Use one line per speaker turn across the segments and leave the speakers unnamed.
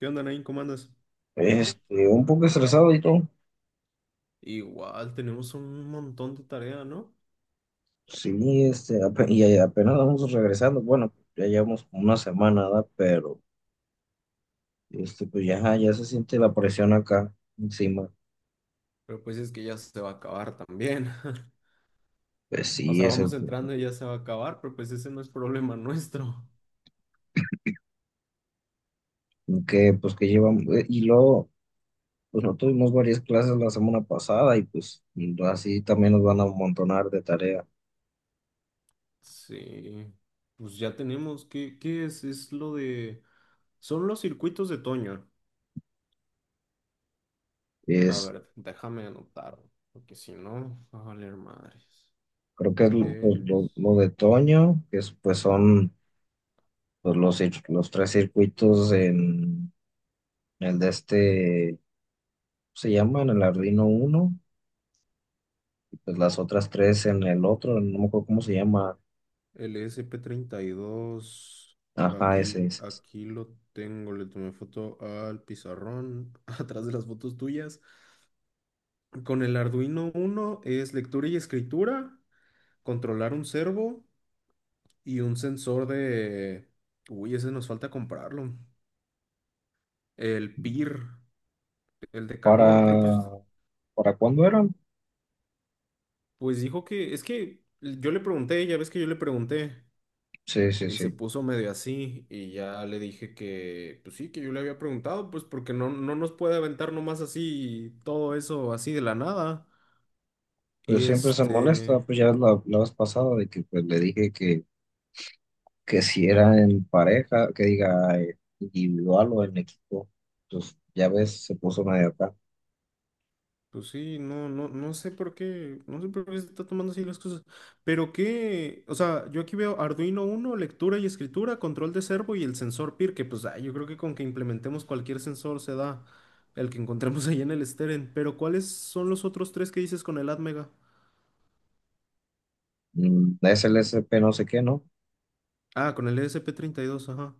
¿Qué onda, Nain? ¿Cómo andas?
Un poco estresado y todo.
Igual tenemos un montón de tarea, ¿no?
Sí, y apenas vamos regresando. Bueno, ya llevamos como una semana, ¿verdad? Pero ya se siente la presión acá encima.
Pero pues es que ya se va a acabar también.
Pues
O
sí,
sea,
es el
vamos entrando y ya se va a acabar, pero pues ese no es problema nuestro.
que, pues que llevamos. Y luego, pues no tuvimos varias clases la semana pasada y pues así también nos van a amontonar de tarea.
Sí, pues ya tenemos. ¿Qué, qué es? Es lo de... Son los circuitos de Toño. A
Es,
ver, déjame anotar, porque si no, va a valer madres.
Creo que es
Es...
lo de Toño, que es, pues son los tres circuitos en el de se llama en el Arduino uno y pues las otras tres en el otro, no me acuerdo cómo se llama.
El SP32
Ajá, ese,
aquí,
ese.
lo tengo, le tomé foto al pizarrón, atrás de las fotos tuyas. Con el Arduino 1 es lectura y escritura, controlar un servo y un sensor de... Uy, ese nos falta comprarlo. El PIR, el de calor, pero pues,
¿Para, para cuándo eran?
pues dijo que, es que yo le pregunté, ya ves que yo le pregunté.
Sí, sí,
Y se
sí.
puso medio así y ya le dije que, pues sí, que yo le había preguntado, pues porque no, no nos puede aventar nomás así todo eso así de la nada. Y
Pues siempre se
este,
molesta, pues ya la vez pasada de que pues le dije que si era en pareja, que diga individual o en equipo. Pues ya ves, se puso medio acá.
pues sí, no, no, no sé por qué, no sé por qué se está tomando así las cosas. Pero qué, o sea, yo aquí veo Arduino 1 lectura y escritura, control de servo y el sensor PIR, que pues ah, yo creo que con que implementemos cualquier sensor se da el que encontremos ahí en el Steren. Pero ¿cuáles son los otros tres que dices con el ATmega?
Mm, SLSP no sé qué, ¿no?
Ah, con el ESP2 ajá.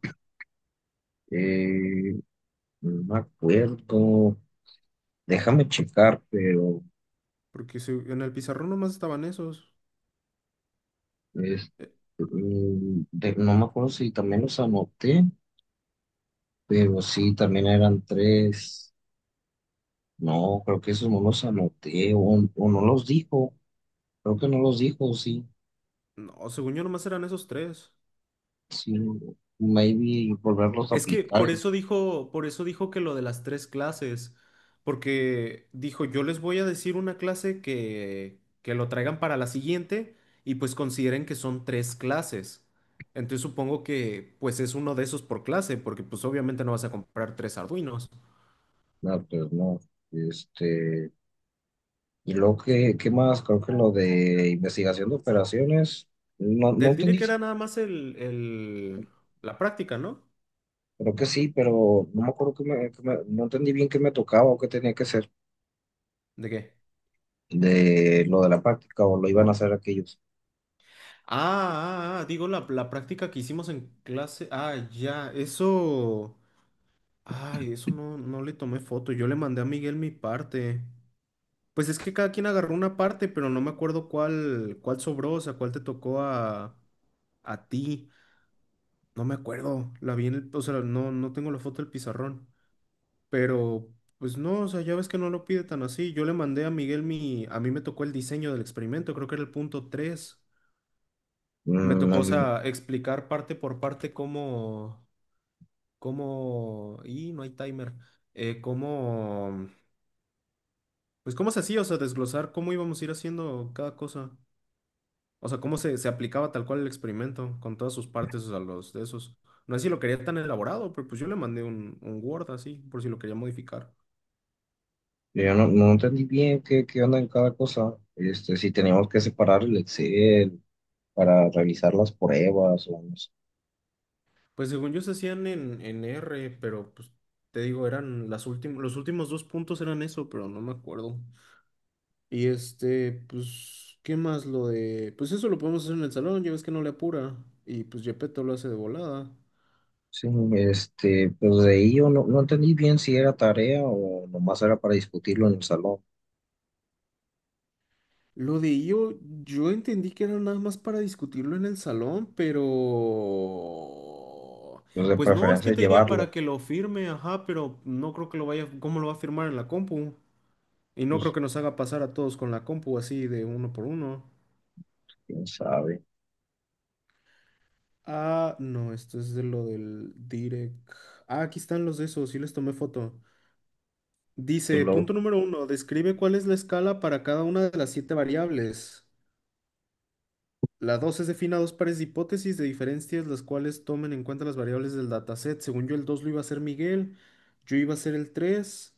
Eh, no me acuerdo. Déjame checar, pero...
Porque en el pizarrón nomás estaban esos.
Es,
Eh,
no me acuerdo si también los anoté, pero sí, también eran tres. No, creo que esos no los anoté, o no los dijo. Creo que no los dijo, sí.
no, según yo nomás eran esos tres.
Sí, maybe volverlos a
Es que
aplicar. eh.
por eso dijo que lo de las tres clases. Porque dijo, yo les voy a decir una clase que, lo traigan para la siguiente y pues consideren que son tres clases. Entonces supongo que pues es uno de esos por clase, porque pues obviamente no vas a comprar tres Arduinos.
No, pues no. Este, y luego, ¿ qué más? Creo que lo de investigación de operaciones, no
Del diré
entendí.
que era nada más el, la práctica, ¿no?
Creo que sí, pero no me acuerdo no entendí bien qué me tocaba o qué tenía que hacer.
¿De qué?
De lo de la práctica o lo iban a hacer aquellos.
Ah, ah, ah, digo la práctica que hicimos en clase. Ah, ya, eso. Ay, eso no, no le tomé foto. Yo le mandé a Miguel mi parte. Pues es que cada quien agarró una parte, pero no me acuerdo cuál, sobró, o sea, cuál te tocó a ti. No me acuerdo. La vi en el, o sea, no, no tengo la foto del pizarrón. Pero, pues no, o sea, ya ves que no lo pide tan así. Yo le mandé a Miguel mi. A mí me tocó el diseño del experimento, creo que era el punto 3. Me
Mm,
tocó, o
al-
sea, explicar parte por parte cómo, cómo, y no hay timer, cómo, pues cómo se hacía, o sea, desglosar cómo íbamos a ir haciendo cada cosa, o sea, cómo se aplicaba tal cual el experimento con todas sus partes, o sea, los de esos. No sé si lo quería tan elaborado, pero pues yo le mandé un Word así, por si lo quería modificar.
yo no entendí bien qué onda en cada cosa. Este, si teníamos que separar el Excel para realizar las pruebas o no sé.
Pues según yo se hacían en, R, pero pues te digo, eran las últimas, los últimos dos puntos eran eso, pero no me acuerdo. Y este, pues, ¿qué más lo de...? Pues eso lo podemos hacer en el salón, ya ves que no le apura. Y pues Gepetto lo hace de volada.
Sí, este, pues de ahí yo no entendí bien si era tarea o nomás era para discutirlo en el salón.
Lo de yo, yo entendí que era nada más para discutirlo en el salón, pero...
Pues de
Pues no, es
preferencia
que te diría para
llevarlo.
que lo firme, ajá, pero no creo que lo vaya... ¿Cómo lo va a firmar en la compu? Y no creo
Pues
que nos haga pasar a todos con la compu así de uno por uno.
quién sabe.
Ah, no, esto es de lo del direct. Ah, aquí están los de esos, sí les tomé foto.
Pues
Dice,
lo,
punto número uno, describe cuál es la escala para cada una de las siete variables. La 2 es defina dos pares de hipótesis de diferencias, las cuales tomen en cuenta las variables del dataset. Según yo, el 2 lo iba a hacer Miguel, yo iba a hacer el 3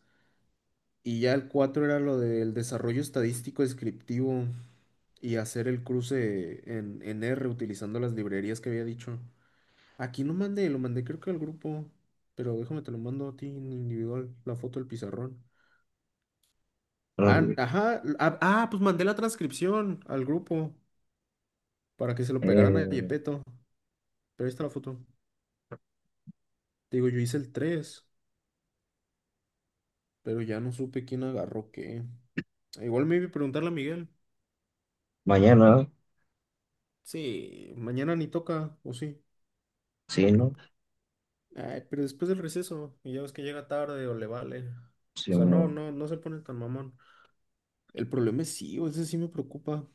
y ya el 4 era lo del desarrollo estadístico descriptivo y hacer el cruce en, R utilizando las librerías que había dicho. Aquí no mandé, lo mandé creo que al grupo, pero déjame te lo mando a ti en individual, la foto del pizarrón. Ah,
mm,
ajá. Ah, ah, pues mandé la transcripción al grupo para que se lo pegaran a
eh,
Yepeto. Pero ahí está la foto. Te digo, yo hice el tres, pero ya no supe quién agarró qué. Igual me iba a preguntarle a Miguel.
Mañana,
Sí, mañana ni toca, o sí.
sí, ¿no?
Ay, pero después del receso, y ya ves que llega tarde o le vale. O
Sí,
sea,
no,
no, no, no se pone tan mamón. El problema es sí, o ese sí me preocupa.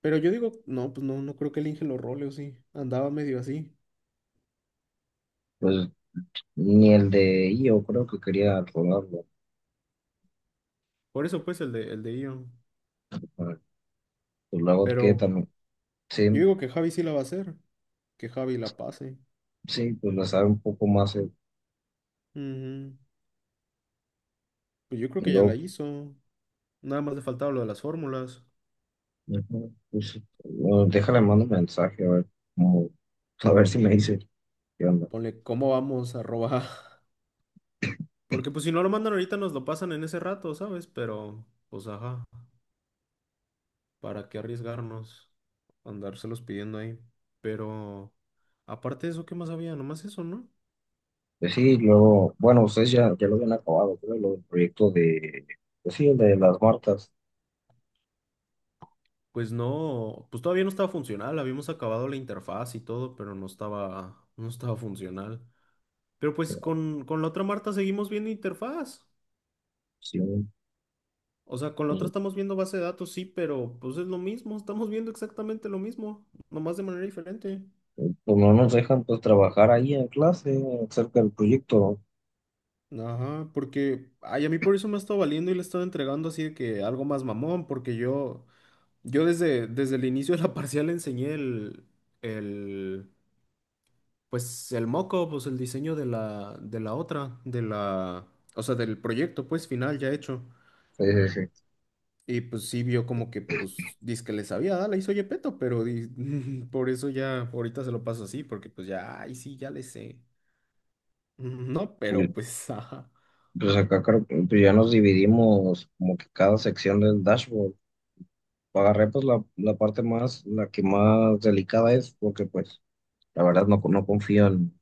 Pero yo digo, no, pues no, no creo que el Inge lo role, o sí. Andaba medio así.
pues ni el de yo creo que quería rodarlo.
Por eso, pues, el de Ion.
Pues luego que
Pero
también,
yo
sí,
digo que Javi sí la va a hacer, que Javi la pase.
sí, pues le sabe un poco más el
Ujú. Pues yo creo que ya la
blog.
hizo. Nada más le faltaba lo de las fórmulas.
Ujú. Pues, bueno, déjale, mando un mensaje, a ver, cómo- a ver si me dice qué onda.
Ponle cómo vamos a robar. Porque pues si no lo mandan ahorita nos lo pasan en ese rato, ¿sabes? Pero pues ajá, ¿para qué arriesgarnos? Andárselos pidiendo ahí. Pero aparte de eso, ¿qué más había? Nomás eso, ¿no?
Pues sí, luego, bueno, ustedes ya lo habían acabado, creo, lo del proyecto de, pues sí, el de las Martas.
Pues no, pues todavía no estaba funcional. Habíamos acabado la interfaz y todo, pero no estaba, no estaba funcional. Pero pues con, la otra Marta seguimos viendo interfaz.
Sí,
O sea, con la
pues,
otra estamos viendo base de datos, sí, pero pues es lo mismo, estamos viendo exactamente lo mismo, nomás de manera diferente.
pues no nos dejan pues trabajar ahí en clase acerca del proyecto.
Ajá, porque, ay, a mí por eso me ha estado valiendo y le he estado entregando así de que algo más mamón, porque yo desde, el inicio de la parcial enseñé el, pues el moco, pues el diseño de la, otra, de la, o sea, del proyecto, pues final ya hecho.
¿No? Sí, sí, sí.
Y pues sí vio como que, pues, dice que le sabía, ah, la hizo Yepeto, pero por eso ya ahorita se lo paso así, porque pues ya, ay, sí, ya le sé. No,
Pues,
pero pues, ajá.
pues acá creo que, pues ya nos dividimos como que cada sección del dashboard. Agarré pues la parte más, la que más delicada es, porque pues la verdad no confío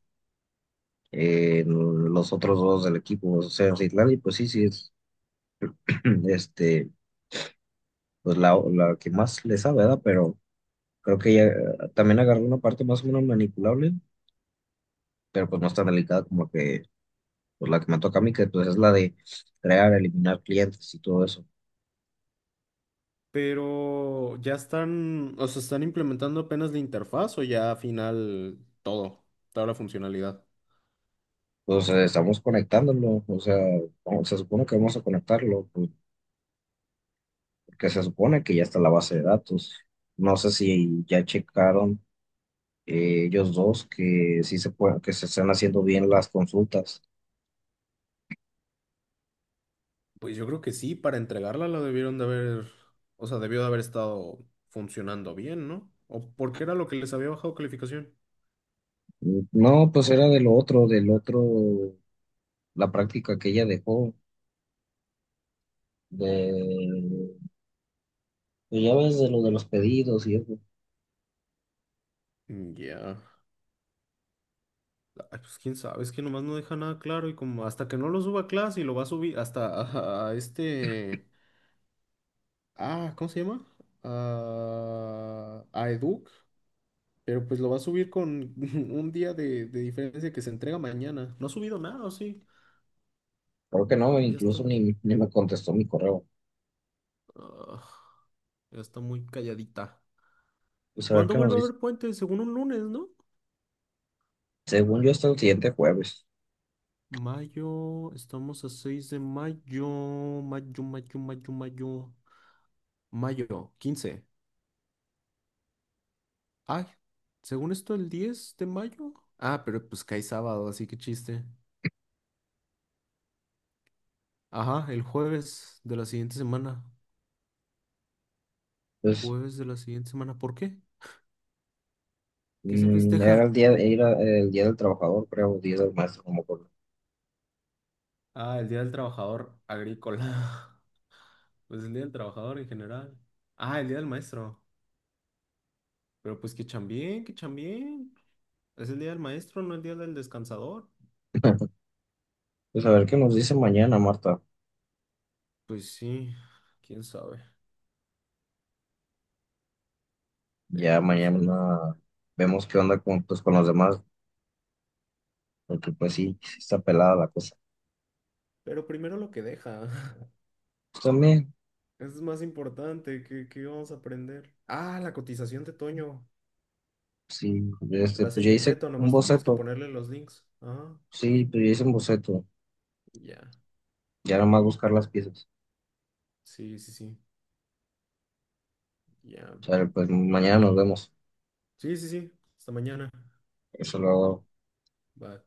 en los otros dos del equipo, o sea, Citlali, y pues sí, sí es este, pues la que más le sabe, ¿verdad? Pero creo que ya también agarré una parte más o menos manipulable, pero pues no es tan delicada como pues la que me toca a mí, que pues es la de crear, eliminar clientes y todo eso.
Pero ya están, o sea, están implementando apenas la interfaz o ya al final todo, toda la funcionalidad.
Pues estamos conectándolo, o sea, se supone que vamos a conectarlo, pues, que se supone que ya está la base de datos. No sé si ya checaron ellos dos que sí se puede, que se están haciendo bien las consultas.
Pues yo creo que sí, para entregarla la debieron de haber, o sea, debió de haber estado funcionando bien, ¿no? ¿O porque era lo que les había bajado calificación?
No, pues era de lo otro, del otro, la práctica que ella dejó, de, pues ya ves, de lo de los pedidos y eso.
Ya. Ay, pues quién sabe, es que nomás no deja nada claro y como hasta que no lo suba a clase y lo va a subir hasta a, este... Ah, ¿cómo se llama? A, Educ, pero pues lo va a subir con un día de, diferencia que se entrega mañana. No ha subido nada, ¿o sí?
Creo que no,
Ya está,
incluso ni me contestó mi correo.
ah, ya está muy calladita.
Pues a ver
¿Cuándo
qué nos
vuelve a
dice.
haber puente? Según un lunes, ¿no?
Según yo, hasta el siguiente jueves.
Mayo, estamos a 6 de mayo, mayo, mayo, mayo, mayo, mayo, quince. Ay, según esto, el 10 de mayo. Ah, pero pues cae sábado, así que chiste. Ajá, el jueves de la siguiente semana.
Pues
Jueves de la siguiente semana. ¿Por qué? ¿Qué se
mm,
festeja?
era el día del trabajador, creo, día del maestro, como por.
Ah, el Día del Trabajador Agrícola. Pues el Día del Trabajador en general. Ah, el Día del Maestro. Pero pues que chambien, que chambien. Es el Día del Maestro, no el Día del Descansador.
Pues a ver qué nos dice mañana, Marta.
Pues sí, quién sabe. Pero
Ya
pues ya.
mañana vemos qué onda con, pues, con los demás, porque pues sí, sí está pelada la cosa.
Pero primero lo que deja.
Pues también,
Eso es más importante. ¿Qué, qué vamos a aprender? Ah, la cotización de Toño.
sí, este,
La
pues
hace
ya hice
Yepeto,
un
nomás tú tienes que
boceto,
ponerle los links. Ah,
sí, pues ya hice un boceto,
ya.
ya nada más buscar las piezas.
Sí, sí, sí. Ya.
O sea, pues mañana nos vemos,
Sí, sí, sí. Hasta mañana.
eso lo hago.
Bye.